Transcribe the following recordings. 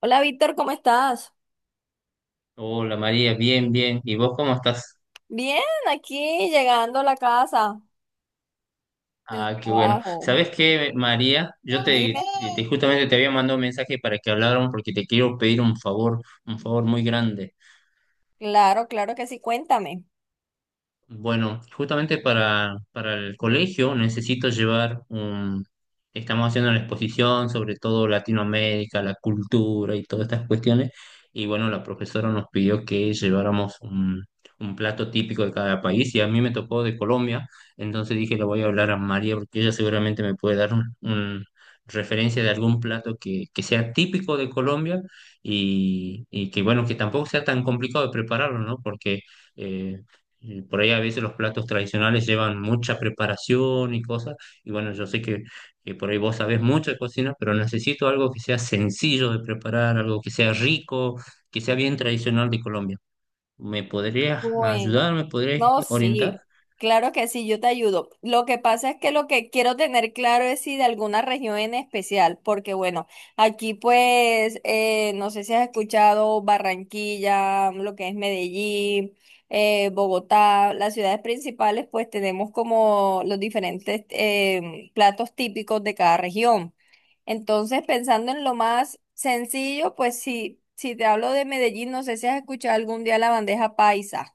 Hola Víctor, ¿cómo estás? Hola María, bien, bien. ¿Y vos cómo estás? Bien, aquí llegando a la casa del Ah, qué bueno. trabajo. ¿Sabés qué, María? Dime. Justamente te había mandado un mensaje para que habláramos porque te quiero pedir un favor muy grande. Claro, claro que sí, cuéntame. Bueno, justamente para el colegio necesito llevar un... Estamos haciendo una exposición sobre todo Latinoamérica, la cultura y todas estas cuestiones. Y bueno, la profesora nos pidió que lleváramos un plato típico de cada país y a mí me tocó de Colombia. Entonces dije, le voy a hablar a María porque ella seguramente me puede dar referencia de algún plato que sea típico de Colombia y que bueno, que tampoco sea tan complicado de prepararlo, ¿no? Porque... eh, y por ahí a veces los platos tradicionales llevan mucha preparación y cosas. Y bueno, yo sé que por ahí vos sabés mucho de cocina, pero necesito algo que sea sencillo de preparar, algo que sea rico, que sea bien tradicional de Colombia. ¿Me podrías Bueno, ayudar? ¿Me podrías no, orientar? sí, claro que sí, yo te ayudo. Lo que pasa es que lo que quiero tener claro es si de alguna región en especial, porque bueno, aquí pues, no sé si has escuchado Barranquilla, lo que es Medellín, Bogotá, las ciudades principales, pues tenemos como los diferentes platos típicos de cada región. Entonces, pensando en lo más sencillo, pues sí, si te hablo de Medellín, no sé si has escuchado algún día la bandeja paisa.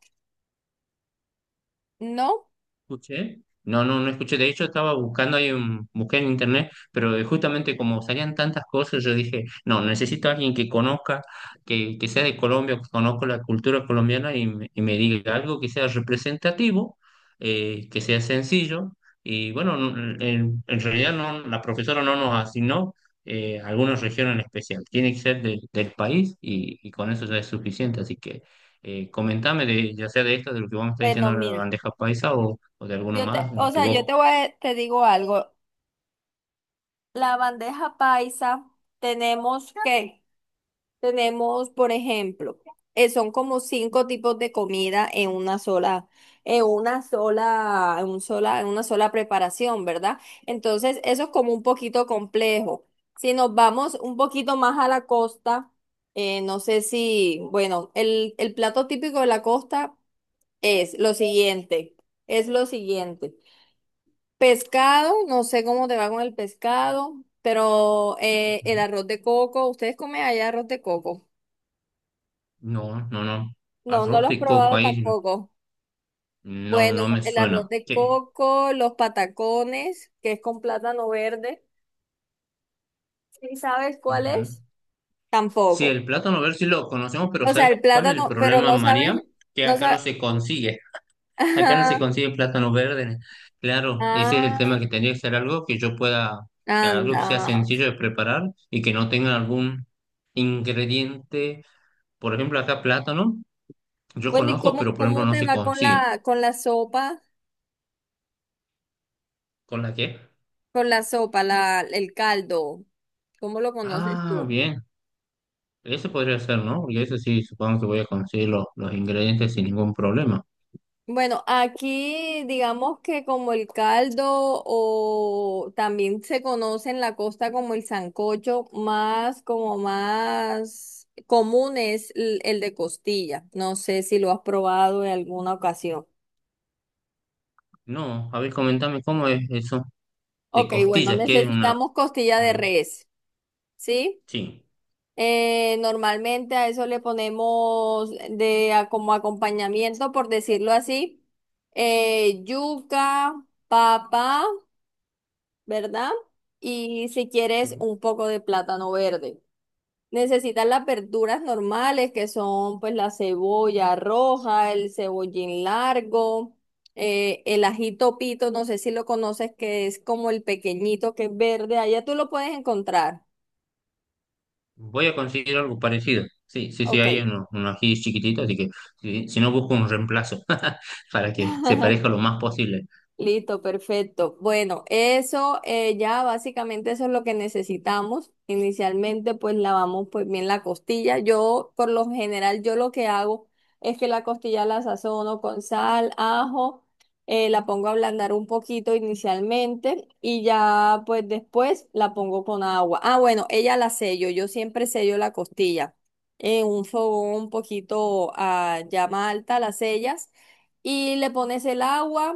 No, Escuché. No, no, no escuché. De hecho, estaba buscando ahí, busqué en internet, pero justamente como salían tantas cosas, yo dije, no, necesito a alguien que conozca, que sea de Colombia, que conozca la cultura colombiana y, me diga algo que sea representativo, que sea sencillo. Y bueno, en realidad no, la profesora no nos asignó alguna región en especial. Tiene que ser del país y con eso ya es suficiente. Así que comentame de, ya sea de esto, de lo que vamos a estar bueno, diciendo ahora, la mira, bandeja paisa o de alguno más o que sea, yo vos. te voy a- te digo algo. La bandeja paisa tenemos que, tenemos, por ejemplo, son como cinco tipos de comida en una sola preparación, ¿verdad? Entonces, eso es como un poquito complejo. Si nos vamos un poquito más a la costa, no sé si, bueno, el plato típico de la costa es lo siguiente, es lo siguiente. Pescado, no sé cómo te va con el pescado, pero el arroz de coco, ¿ustedes comen allá arroz de coco? No, no, no. No, no lo Arroz has de coco probado ahí tampoco. no, Bueno, no me el arroz suena. de Qué. coco, los patacones, que es con plátano verde. ¿Sí sabes cuál Ujú. es? Sí, Tampoco. el plátano verde sí lo conocemos, pero O sea, ¿sabes el cuál es el plátano, pero problema, María? Que no acá no sabes. se consigue. Acá no se Ajá. consigue plátano verde. Claro, ese es el Ah, tema que tendría que ser algo que yo pueda, que algo que sea anda. sencillo de preparar y que no tenga algún ingrediente. Por ejemplo, acá plátano, yo Bueno, ¿y conozco, cómo, pero por ejemplo cómo no te se va consigue. Con la sopa? ¿Con la qué? Con la sopa, el caldo. ¿Cómo lo conoces Ah, tú? bien. Ese podría ser, ¿no? Porque ese sí, supongo que voy a conseguir los ingredientes sin ningún problema. Bueno, aquí digamos que como el caldo o también se conoce en la costa como el sancocho, más como más común es el de costilla. No sé si lo has probado en alguna ocasión. No, a ver, comentame cómo es eso de Ok, bueno, costillas, que es una... necesitamos costilla A de ver, res, ¿sí? sí, Normalmente a eso le ponemos como acompañamiento, por decirlo así, yuca, papa. ¿Verdad? Y si quieres sí. un poco de plátano verde. Necesitas las verduras normales que son pues la cebolla roja, el cebollín largo, el ajito pito, no sé si lo conoces, que es como el pequeñito que es verde, allá tú lo puedes encontrar. Voy a conseguir algo parecido. Sí, sí, sí, Ok. hay uno, uno ají chiquitito, así que si, si no busco un reemplazo para que se parezca lo más posible. Listo, perfecto. Bueno, eso ya básicamente eso es lo que necesitamos. Inicialmente pues lavamos pues bien la costilla. Yo por lo general yo lo que hago es que la costilla la sazono con sal, ajo, la pongo a ablandar un poquito inicialmente y ya pues después la pongo con agua. Ah, bueno, ella la sello. Yo siempre sello la costilla en un fogón un poquito a llama alta, la sellas y le pones el agua,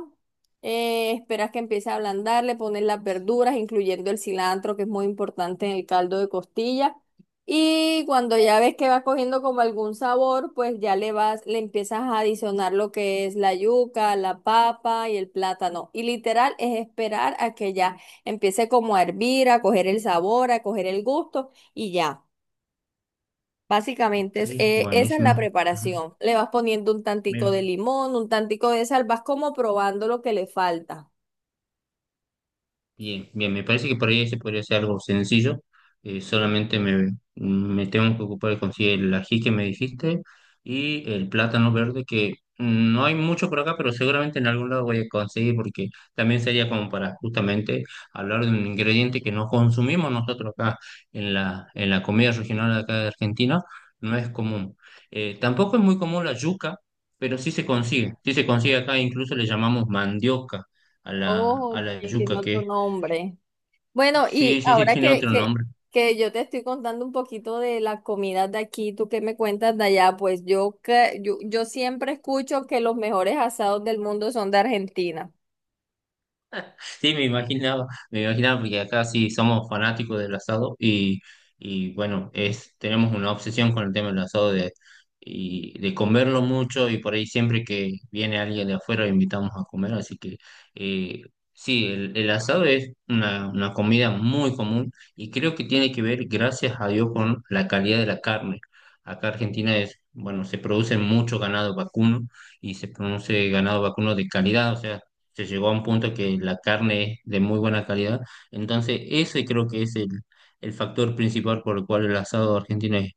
esperas que empiece a ablandar, le pones las verduras, incluyendo el cilantro, que es muy importante en el caldo de costilla. Y cuando ya ves que va cogiendo como algún sabor, pues ya le empiezas a adicionar lo que es la yuca, la papa y el plátano. Y literal es esperar a que ya empiece como a hervir, a coger el sabor, a coger el gusto y ya. Ok, Básicamente esa es la buenísimo. Ajá. preparación. Le vas poniendo un tantico de Me- limón, un tantico de sal, vas como probando lo que le falta. Bien, bien, me parece que por ahí ese podría ser algo sencillo. Solamente me tengo que ocupar de conseguir el ají que me dijiste y el plátano verde, que no hay mucho por acá, pero seguramente en algún lado voy a conseguir, porque también sería como para justamente hablar de un ingrediente que no consumimos nosotros acá en en la comida regional de acá de Argentina, no es común. Tampoco es muy común la yuca, pero sí se consigue acá, incluso le llamamos mandioca a Oh, a ok, la tiene yuca, que otro es... nombre. Bueno, y Sí, sí, sí, ahora tiene otro nombre. que yo te estoy contando un poquito de las comidas de aquí, tú qué me cuentas de allá, pues yo siempre escucho que los mejores asados del mundo son de Argentina, Sí, me imaginaba porque acá sí somos fanáticos del asado y bueno, es, tenemos una obsesión con el tema del asado de, y, de comerlo mucho y por ahí siempre que viene alguien de afuera lo invitamos a comer, así que eh, sí, el asado es una comida muy común y creo que tiene que ver, gracias a Dios, con la calidad de la carne. Acá Argentina es, bueno, se produce mucho ganado vacuno y se produce ganado vacuno de calidad, o sea, se llegó a un punto que la carne es de muy buena calidad. Entonces, ese creo que es el factor principal por el cual el asado argentino es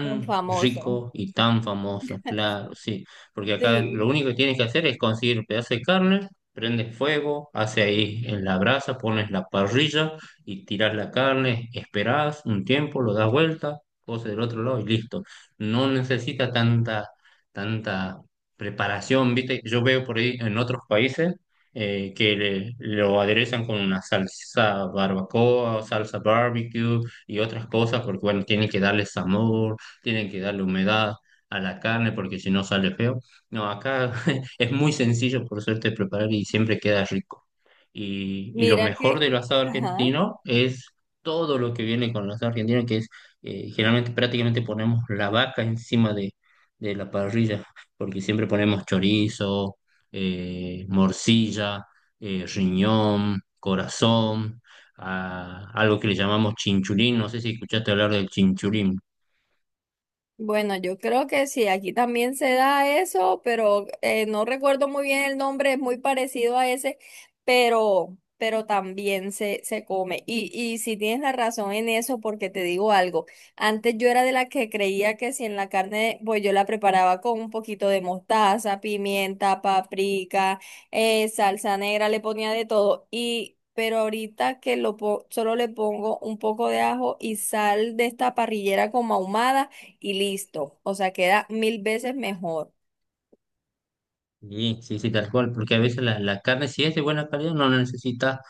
son famosos. rico y tan famoso, claro, sí. Porque acá lo Sí. único que tienes que hacer es conseguir pedazo de carne, prendes fuego, hace ahí en la brasa, pones la parrilla y tiras la carne, esperás un tiempo, lo das vuelta, pose del otro lado y listo. No necesita tanta preparación, ¿viste? Yo veo por ahí en otros países lo aderezan con una salsa barbacoa, salsa barbecue y otras cosas, porque bueno, tienen que darle sabor, tienen que darle humedad a la carne, porque si no sale feo. No, acá es muy sencillo, por suerte, preparar y siempre queda rico. Y lo Mira mejor que, del asado ajá. argentino es todo lo que viene con el asado argentino, que es generalmente prácticamente ponemos la vaca encima de la parrilla, porque siempre ponemos chorizo, morcilla, riñón, corazón, algo que le llamamos chinchulín. No sé si escuchaste hablar del chinchulín. Bueno, yo creo que sí, aquí también se da eso, pero no recuerdo muy bien el nombre, es muy parecido a ese, pero también se come. Y si tienes la razón en eso, porque te digo algo, antes yo era de la que creía que si en la carne, pues yo la preparaba con un poquito de mostaza, pimienta, paprika, salsa negra, le ponía de todo. Y pero ahorita que solo le pongo un poco de ajo y sal de esta parrillera como ahumada y listo. O sea, queda mil veces mejor. Sí, sí, sí, tal cual, porque a veces la carne, si es de buena calidad, no necesita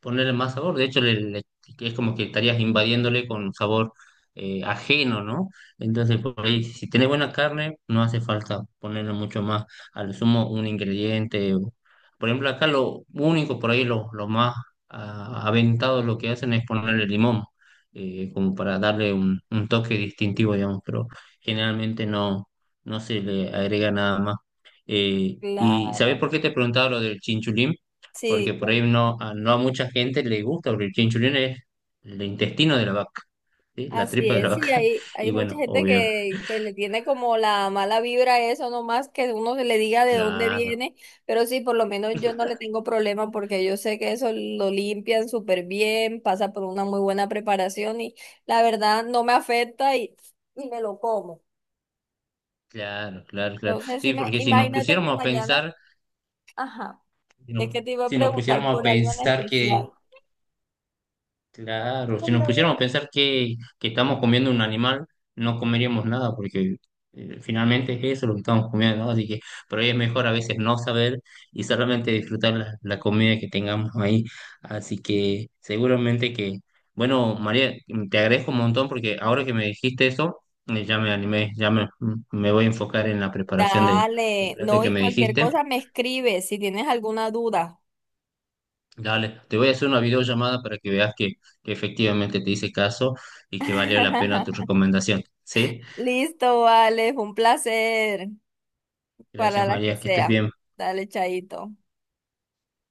ponerle más sabor. De hecho, es como que estarías invadiéndole con sabor ajeno, ¿no? Entonces, por ahí, si tenés buena carne, no hace falta ponerle mucho más, al sumo un ingrediente. O- Por ejemplo, acá lo único, por ahí lo más ah, aventado lo que hacen es ponerle limón, como para darle un toque distintivo, digamos, pero generalmente no, no se le agrega nada más. ¿Y sabés Claro. por qué te preguntaba lo del chinchulín? Porque Sí, por bueno, ahí no, a, no a mucha gente le gusta, porque el chinchulín es el intestino de la vaca, ¿sí? La así tripa de la es. Sí, vaca. hay, Y hay mucha bueno, gente obvio, que le tiene como la mala vibra a eso, no más que uno se le diga de dónde claro, viene, pero sí, por lo menos yo no le tengo problema porque yo sé que eso lo limpian súper bien, pasa por una muy buena preparación y la verdad no me afecta y me lo como. claro, claro, claro. Entonces, Sí, porque si nos imagínate que pusiéramos a mañana, pensar, ajá, es que te iba a si nos preguntar pusiéramos a por algo en pensar que... especial. Claro, si nos pusiéramos a pensar que estamos comiendo un animal, no comeríamos nada, porque finalmente es eso lo que estamos comiendo, ¿no? Así que por ahí es mejor a veces no saber y solamente disfrutar la comida que tengamos ahí. Así que seguramente que, bueno, María, te agradezco un montón porque ahora que me dijiste eso, ya me animé, me voy a enfocar en la preparación de- del Dale, plato no, que y me cualquier dijiste. cosa me escribes si tienes alguna duda. Dale, te voy a hacer una videollamada para que veas que efectivamente te hice caso y que valió la pena tu recomendación. ¿Sí? Listo, vale, fue un placer para Gracias, la que María, que estés sea. bien. Dale, chaito.